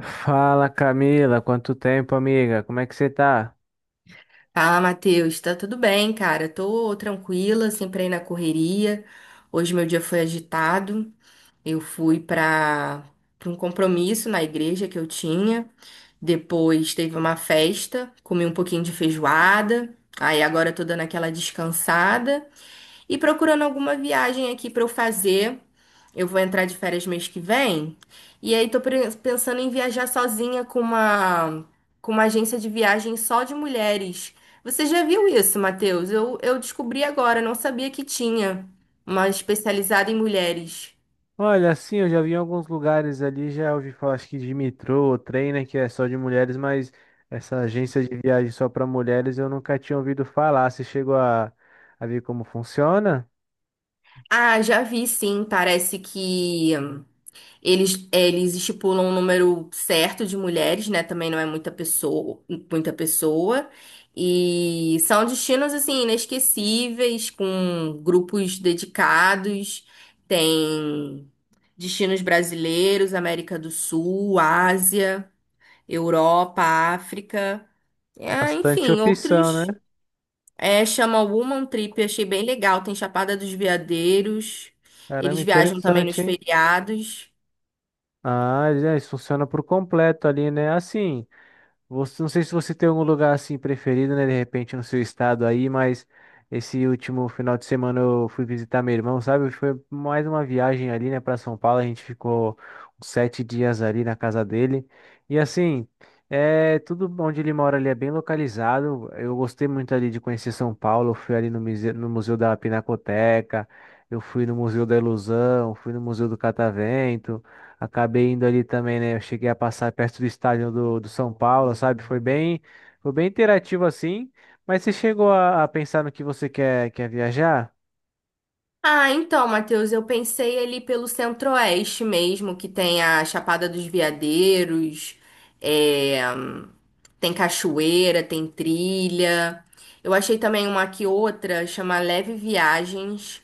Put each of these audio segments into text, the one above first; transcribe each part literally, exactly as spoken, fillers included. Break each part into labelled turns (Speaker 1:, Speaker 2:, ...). Speaker 1: Fala, Camila, quanto tempo, amiga? Como é que você tá?
Speaker 2: Fala, Matheus. Tá tudo bem, cara? Tô tranquila, sempre aí na correria. Hoje meu dia foi agitado. Eu fui para um compromisso na igreja que eu tinha. Depois teve uma festa, comi um pouquinho de feijoada. Aí agora eu tô dando aquela descansada. E procurando alguma viagem aqui pra eu fazer. Eu vou entrar de férias mês que vem. E aí tô pre- pensando em viajar sozinha com uma com uma agência de viagem só de mulheres. Você já viu isso, Matheus? Eu, eu descobri agora, não sabia que tinha uma especializada em mulheres.
Speaker 1: Olha, assim, eu já vi em alguns lugares ali, já ouvi falar, acho que de metrô, trem, né, que é só de mulheres, mas essa agência de viagem só para mulheres eu nunca tinha ouvido falar. Você chegou a, a ver como funciona?
Speaker 2: Ah, já vi sim. Parece que Eles, eles estipulam um número certo de mulheres, né? Também não é muita pessoa, muita pessoa. E são destinos assim inesquecíveis, com grupos dedicados. Tem destinos brasileiros, América do Sul, Ásia, Europa, África. É,
Speaker 1: Bastante
Speaker 2: enfim,
Speaker 1: opção,
Speaker 2: outros.
Speaker 1: né?
Speaker 2: É, chama Woman Trip, achei bem legal. Tem Chapada dos Veadeiros.
Speaker 1: Caramba,
Speaker 2: Eles viajam também nos
Speaker 1: interessante, hein?
Speaker 2: feriados.
Speaker 1: Ah, já, isso funciona por completo ali, né? Assim. Você, não sei se você tem algum lugar assim preferido, né? De repente no seu estado aí, mas esse último final de semana eu fui visitar meu irmão, sabe? Foi mais uma viagem ali, né, para São Paulo. A gente ficou uns sete dias ali na casa dele. E assim, é tudo onde ele mora ali é bem localizado. Eu gostei muito ali de conhecer São Paulo. Eu fui ali no museu, no Museu da Pinacoteca, eu fui no Museu da Ilusão, fui no Museu do Catavento. Acabei indo ali também, né? Eu cheguei a passar perto do estádio do, do São Paulo, sabe? Foi bem, foi bem interativo assim. Mas você chegou a, a pensar no que você quer, quer viajar?
Speaker 2: Ah, então, Matheus, eu pensei ali pelo Centro-Oeste mesmo, que tem a Chapada dos Veadeiros, é, tem cachoeira, tem trilha. Eu achei também uma aqui outra, chama Leve Viagens,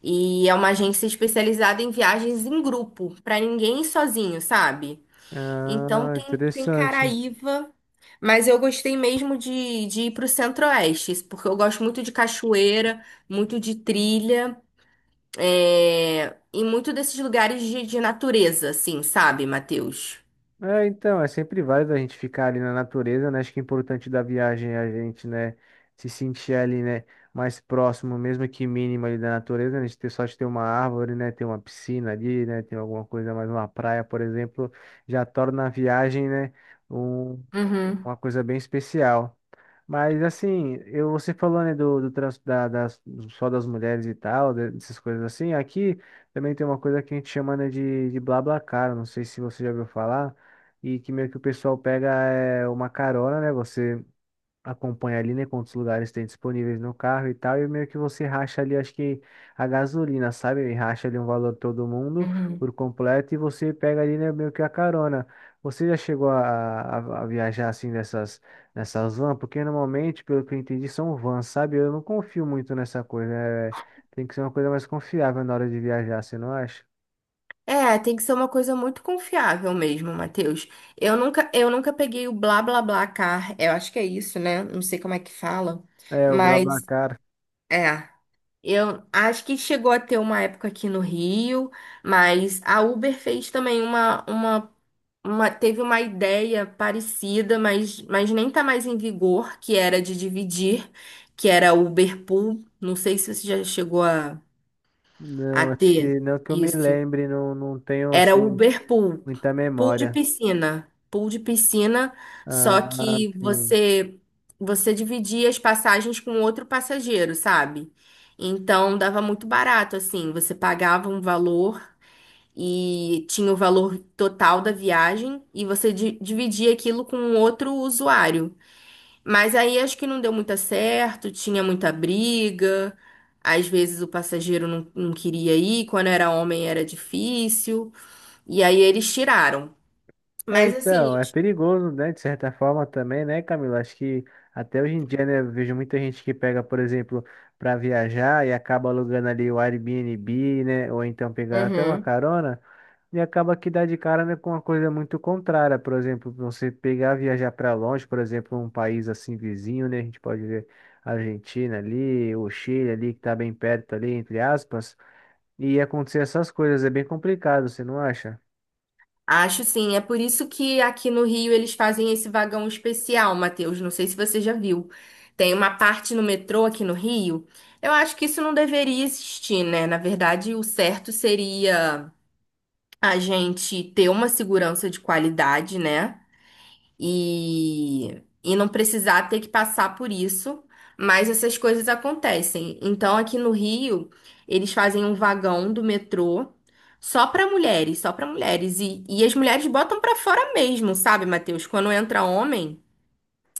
Speaker 2: e é uma agência especializada em viagens em grupo, pra ninguém ir sozinho, sabe? Então
Speaker 1: Ah,
Speaker 2: tem, tem
Speaker 1: interessante.
Speaker 2: Caraíva, mas eu gostei mesmo de, de, ir pro Centro-Oeste, porque eu gosto muito de cachoeira, muito de trilha é, em muito desses lugares de, de natureza, assim, sabe, Matheus?
Speaker 1: É, então, é sempre válido a gente ficar ali na natureza, né? Acho que o importante da viagem é a gente, né, se sentir ali, né, mais próximo, mesmo que mínimo ali da natureza, né? A gente ter sorte de ter uma árvore, né, ter uma piscina ali, né, ter alguma coisa mais, uma praia, por exemplo, já torna a viagem, né, um-
Speaker 2: Uhum,
Speaker 1: uma coisa bem especial. Mas, assim, eu, você falou, né, do, do trans, da, das, só das mulheres e tal, de- dessas coisas assim, aqui também tem uma coisa que a gente chama, né, de, de BlaBlaCar, não sei se você já ouviu falar. E que meio que o pessoal pega é, uma carona, né? Você acompanha ali, né? Quantos lugares tem disponíveis no carro e tal. E meio que você racha ali, acho que a gasolina, sabe? E racha ali um valor todo mundo
Speaker 2: uhum.
Speaker 1: por completo. E você pega ali, né? Meio que a carona. Você já chegou a, a- a viajar assim nessas, nessas vans? Porque normalmente, pelo que eu entendi, são vans, sabe? Eu não confio muito nessa coisa. É, tem que ser uma coisa mais confiável na hora de viajar, você não acha?
Speaker 2: É, tem que ser uma coisa muito confiável mesmo, Matheus. Eu nunca, eu nunca peguei o blá blá blá car. Eu acho que é isso, né? Não sei como é que fala,
Speaker 1: É, o
Speaker 2: mas
Speaker 1: BlaBlaCar.
Speaker 2: é. Eu acho que chegou a ter uma época aqui no Rio, mas a Uber fez também uma, uma uma- teve uma ideia parecida, mas, mas nem tá mais em vigor, que era de dividir, que era o Uberpool. Não sei se você já chegou a, a,
Speaker 1: Não, acho
Speaker 2: ter
Speaker 1: que não que eu me
Speaker 2: isso.
Speaker 1: lembre, não, não tenho
Speaker 2: Era o
Speaker 1: assim
Speaker 2: Uberpool,
Speaker 1: muita
Speaker 2: pool de
Speaker 1: memória.
Speaker 2: piscina, pool de piscina, só
Speaker 1: Ah,
Speaker 2: que
Speaker 1: sim.
Speaker 2: você você dividia as passagens com outro passageiro, sabe? Então dava muito barato assim, você pagava um valor e tinha o valor total da viagem e você di- dividia aquilo com um outro usuário. Mas aí acho que não deu muito certo, tinha muita briga, às vezes o passageiro não, não queria ir, quando era homem era difícil, e aí eles tiraram.
Speaker 1: É,
Speaker 2: Mas
Speaker 1: então,
Speaker 2: assim,
Speaker 1: é perigoso, né? De certa forma também, né, Camila? Acho que até hoje em dia, né, eu vejo muita gente que pega, por exemplo, para viajar e acaba alugando ali o Airbnb, né? Ou então pegando até uma
Speaker 2: uhum.
Speaker 1: carona. E acaba que dá de cara, né, com uma coisa muito contrária. Por exemplo, você pegar, viajar para longe, por exemplo, um país assim vizinho, né? A gente pode ver a Argentina ali, o Chile ali, que tá bem perto ali, entre aspas, e acontecer essas coisas. É bem complicado, você não acha?
Speaker 2: Acho sim, é por isso que aqui no Rio eles fazem esse vagão especial, Matheus. Não sei se você já viu. Tem uma parte no metrô aqui no Rio. Eu acho que isso não deveria existir, né? Na verdade, o certo seria a gente ter uma segurança de qualidade, né? e, e não precisar ter que passar por isso, mas essas coisas acontecem. Então, aqui no Rio, eles fazem um vagão do metrô só para mulheres, só para mulheres. E, e as mulheres botam para fora mesmo, sabe, Matheus? Quando entra homem.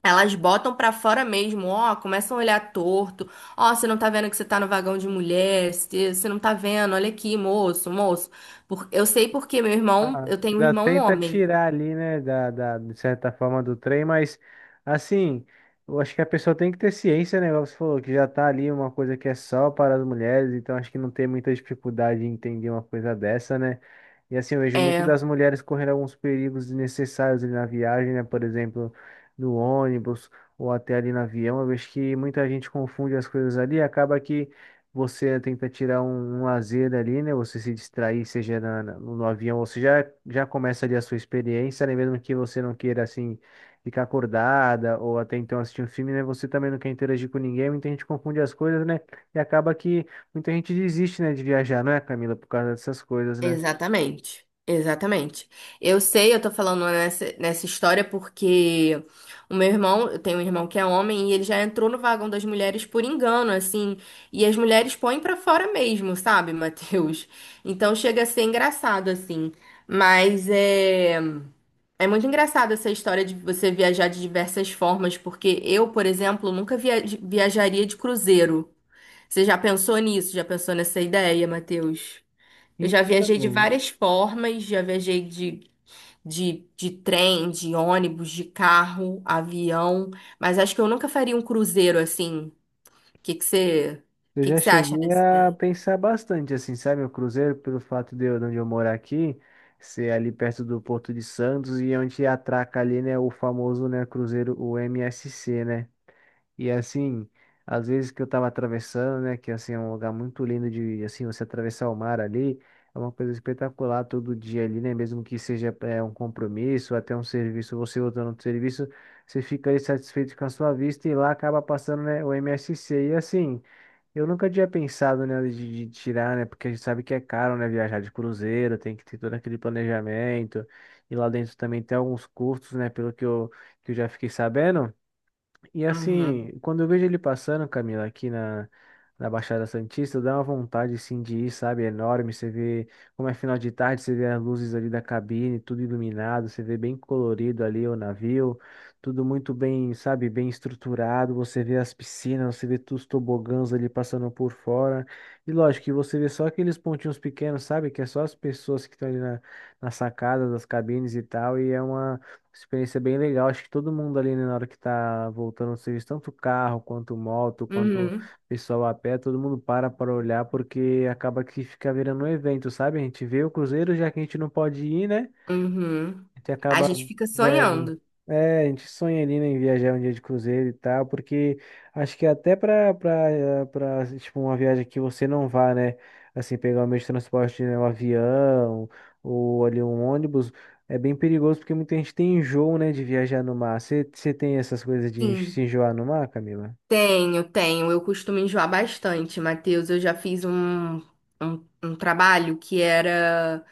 Speaker 2: Elas botam pra fora mesmo, ó, começam a olhar torto. Ó, você não tá vendo que você tá no vagão de mulher, você você não tá vendo, olha aqui, moço, moço. Por- eu sei porque meu irmão,
Speaker 1: Ah,
Speaker 2: eu tenho um
Speaker 1: ainda
Speaker 2: irmão
Speaker 1: tenta
Speaker 2: homem.
Speaker 1: tirar ali, né, da, da, de certa forma do trem, mas assim, eu acho que a pessoa tem que ter ciência, né? Igual você falou que já tá ali uma coisa que é só para as mulheres, então acho que não tem muita dificuldade em entender uma coisa dessa, né? E assim, eu vejo muito
Speaker 2: É,
Speaker 1: das mulheres correndo alguns perigos desnecessários ali na viagem, né? Por exemplo, no ônibus ou até ali no avião. Eu vejo que muita gente confunde as coisas ali, e acaba que você tenta tirar um, um lazer ali, né? Você se distrair, seja na- na- no, no avião, você já, já começa ali a sua experiência, né? Mesmo que você não queira, assim, ficar acordada ou até então assistir um filme, né? Você também não quer interagir com ninguém, muita gente confunde as coisas, né? E acaba que muita gente desiste, né, de viajar, não é, Camila? Por causa dessas coisas, né?
Speaker 2: exatamente, exatamente. Eu sei, eu tô falando nessa, nessa história porque o meu irmão, eu tenho um irmão que é homem e ele já entrou no vagão das mulheres por engano, assim, e as mulheres põem pra fora mesmo, sabe, Matheus? Então chega a ser engraçado, assim. Mas é, é muito engraçado essa história de você viajar de diversas formas, porque eu, por exemplo, nunca via- viajaria de cruzeiro. Você já pensou nisso? Já pensou nessa ideia, Matheus? Eu já viajei de
Speaker 1: Então,
Speaker 2: várias formas, já viajei de, de, de trem, de ônibus, de carro, avião, mas acho que eu nunca faria um cruzeiro assim. O que que você,
Speaker 1: eu
Speaker 2: que
Speaker 1: já
Speaker 2: que você acha
Speaker 1: cheguei
Speaker 2: dessa
Speaker 1: a
Speaker 2: ideia?
Speaker 1: pensar bastante, assim, sabe? O cruzeiro, pelo fato de eu, de onde eu morar aqui, ser ali perto do Porto de Santos e onde atraca ali, né, o famoso, né, cruzeiro, o M S C, né? E assim, às vezes que eu tava atravessando, né, que assim é um lugar muito lindo de assim você atravessar o mar ali, é uma coisa espetacular todo dia ali, né, mesmo que seja é, um compromisso, até um serviço, você voltando do serviço, você fica ali satisfeito com a sua vista e lá acaba passando, né, o M S C. E assim, eu nunca tinha pensado, né, de, de tirar, né, porque a gente sabe que é caro, né, viajar de cruzeiro, tem que ter todo aquele planejamento. E lá dentro também tem alguns custos, né, pelo que eu, que eu já fiquei sabendo. E
Speaker 2: Uhum.
Speaker 1: assim, quando eu vejo ele passando, Camila, aqui na, na Baixada Santista, dá uma vontade assim de ir, sabe? É enorme. Você vê como é final de tarde, você vê as luzes ali da cabine, tudo iluminado, você vê bem colorido ali o navio, tudo muito bem, sabe? Bem estruturado. Você vê as piscinas, você vê todos os tobogãs ali passando por fora. E lógico que você vê só aqueles pontinhos pequenos, sabe? Que é só as pessoas que estão ali na, na sacada das cabines e tal. E é uma. Experiência bem legal. Acho que todo mundo ali, né, na hora que tá voltando ao serviço, tanto carro quanto moto, quanto
Speaker 2: Uhum.
Speaker 1: pessoal a pé, todo mundo para para olhar, porque acaba que fica virando um evento, sabe? A gente vê o cruzeiro, já que a gente não pode ir, né?
Speaker 2: Uhum.
Speaker 1: A gente
Speaker 2: A
Speaker 1: acaba
Speaker 2: gente fica
Speaker 1: vendo.
Speaker 2: sonhando.
Speaker 1: É, a gente sonha ali, né, em viajar um dia de cruzeiro e tal, porque acho que até pra, pra, pra, tipo, uma viagem que você não vá, né, assim, pegar o meio de transporte, né, um avião ou ali um ônibus, é bem perigoso porque muita gente tem enjoo, né, de viajar no mar. Você tem essas coisas de en- se
Speaker 2: Sim,
Speaker 1: enjoar no mar, Camila?
Speaker 2: tenho, tenho. Eu costumo enjoar bastante, Matheus. Eu já fiz um, um, um trabalho que era.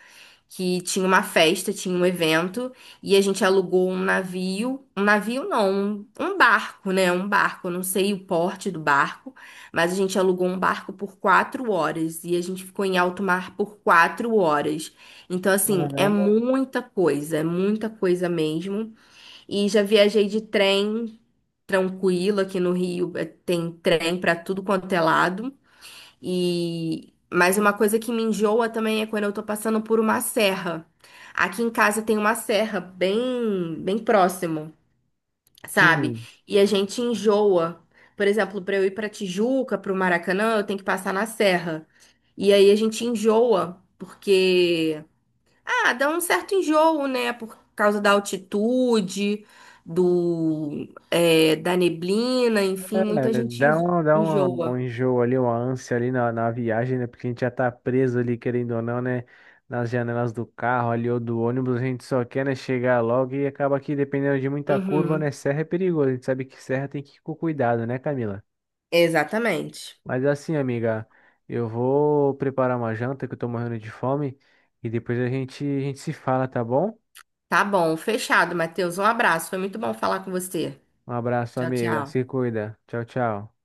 Speaker 2: Que tinha uma festa, tinha um evento, e a gente alugou um navio, um navio não, um, um barco, né? Um barco, eu não sei o porte do barco, mas a gente alugou um barco por quatro horas e a gente ficou em alto mar por quatro horas. Então, assim, é
Speaker 1: Caramba,
Speaker 2: muita coisa, é muita coisa mesmo. E já viajei de trem. Tranquilo, aqui no Rio eh, tem trem para tudo quanto é lado. E mas uma coisa que me enjoa também é quando eu tô passando por uma serra. Aqui em casa tem uma serra bem bem próximo, sabe?
Speaker 1: sim.
Speaker 2: E a gente enjoa. Por exemplo, para eu ir para Tijuca, para o Maracanã, eu tenho que passar na serra. E aí a gente enjoa porque ah, dá um certo enjoo, né? Por causa da altitude, do é, da neblina, enfim, muita
Speaker 1: É, dá
Speaker 2: gente
Speaker 1: uma, dá uma, um
Speaker 2: enjoa.
Speaker 1: enjoo ali, uma ânsia ali na, na viagem, né? Porque a gente já tá preso ali, querendo ou não, né? Nas janelas do carro ali ou do ônibus, a gente só quer, né, chegar logo e acaba que, dependendo de muita curva, né?
Speaker 2: Uhum.
Speaker 1: Serra é perigoso. A gente sabe que serra tem que ir com cuidado, né, Camila?
Speaker 2: Exatamente.
Speaker 1: Mas assim, amiga, eu vou preparar uma janta que eu tô morrendo de fome e depois a gente, a gente se fala, tá bom?
Speaker 2: Tá bom, fechado, Matheus. Um abraço. Foi muito bom falar com você.
Speaker 1: Um abraço,
Speaker 2: Tchau,
Speaker 1: amiga.
Speaker 2: tchau.
Speaker 1: Se cuida. Tchau, tchau.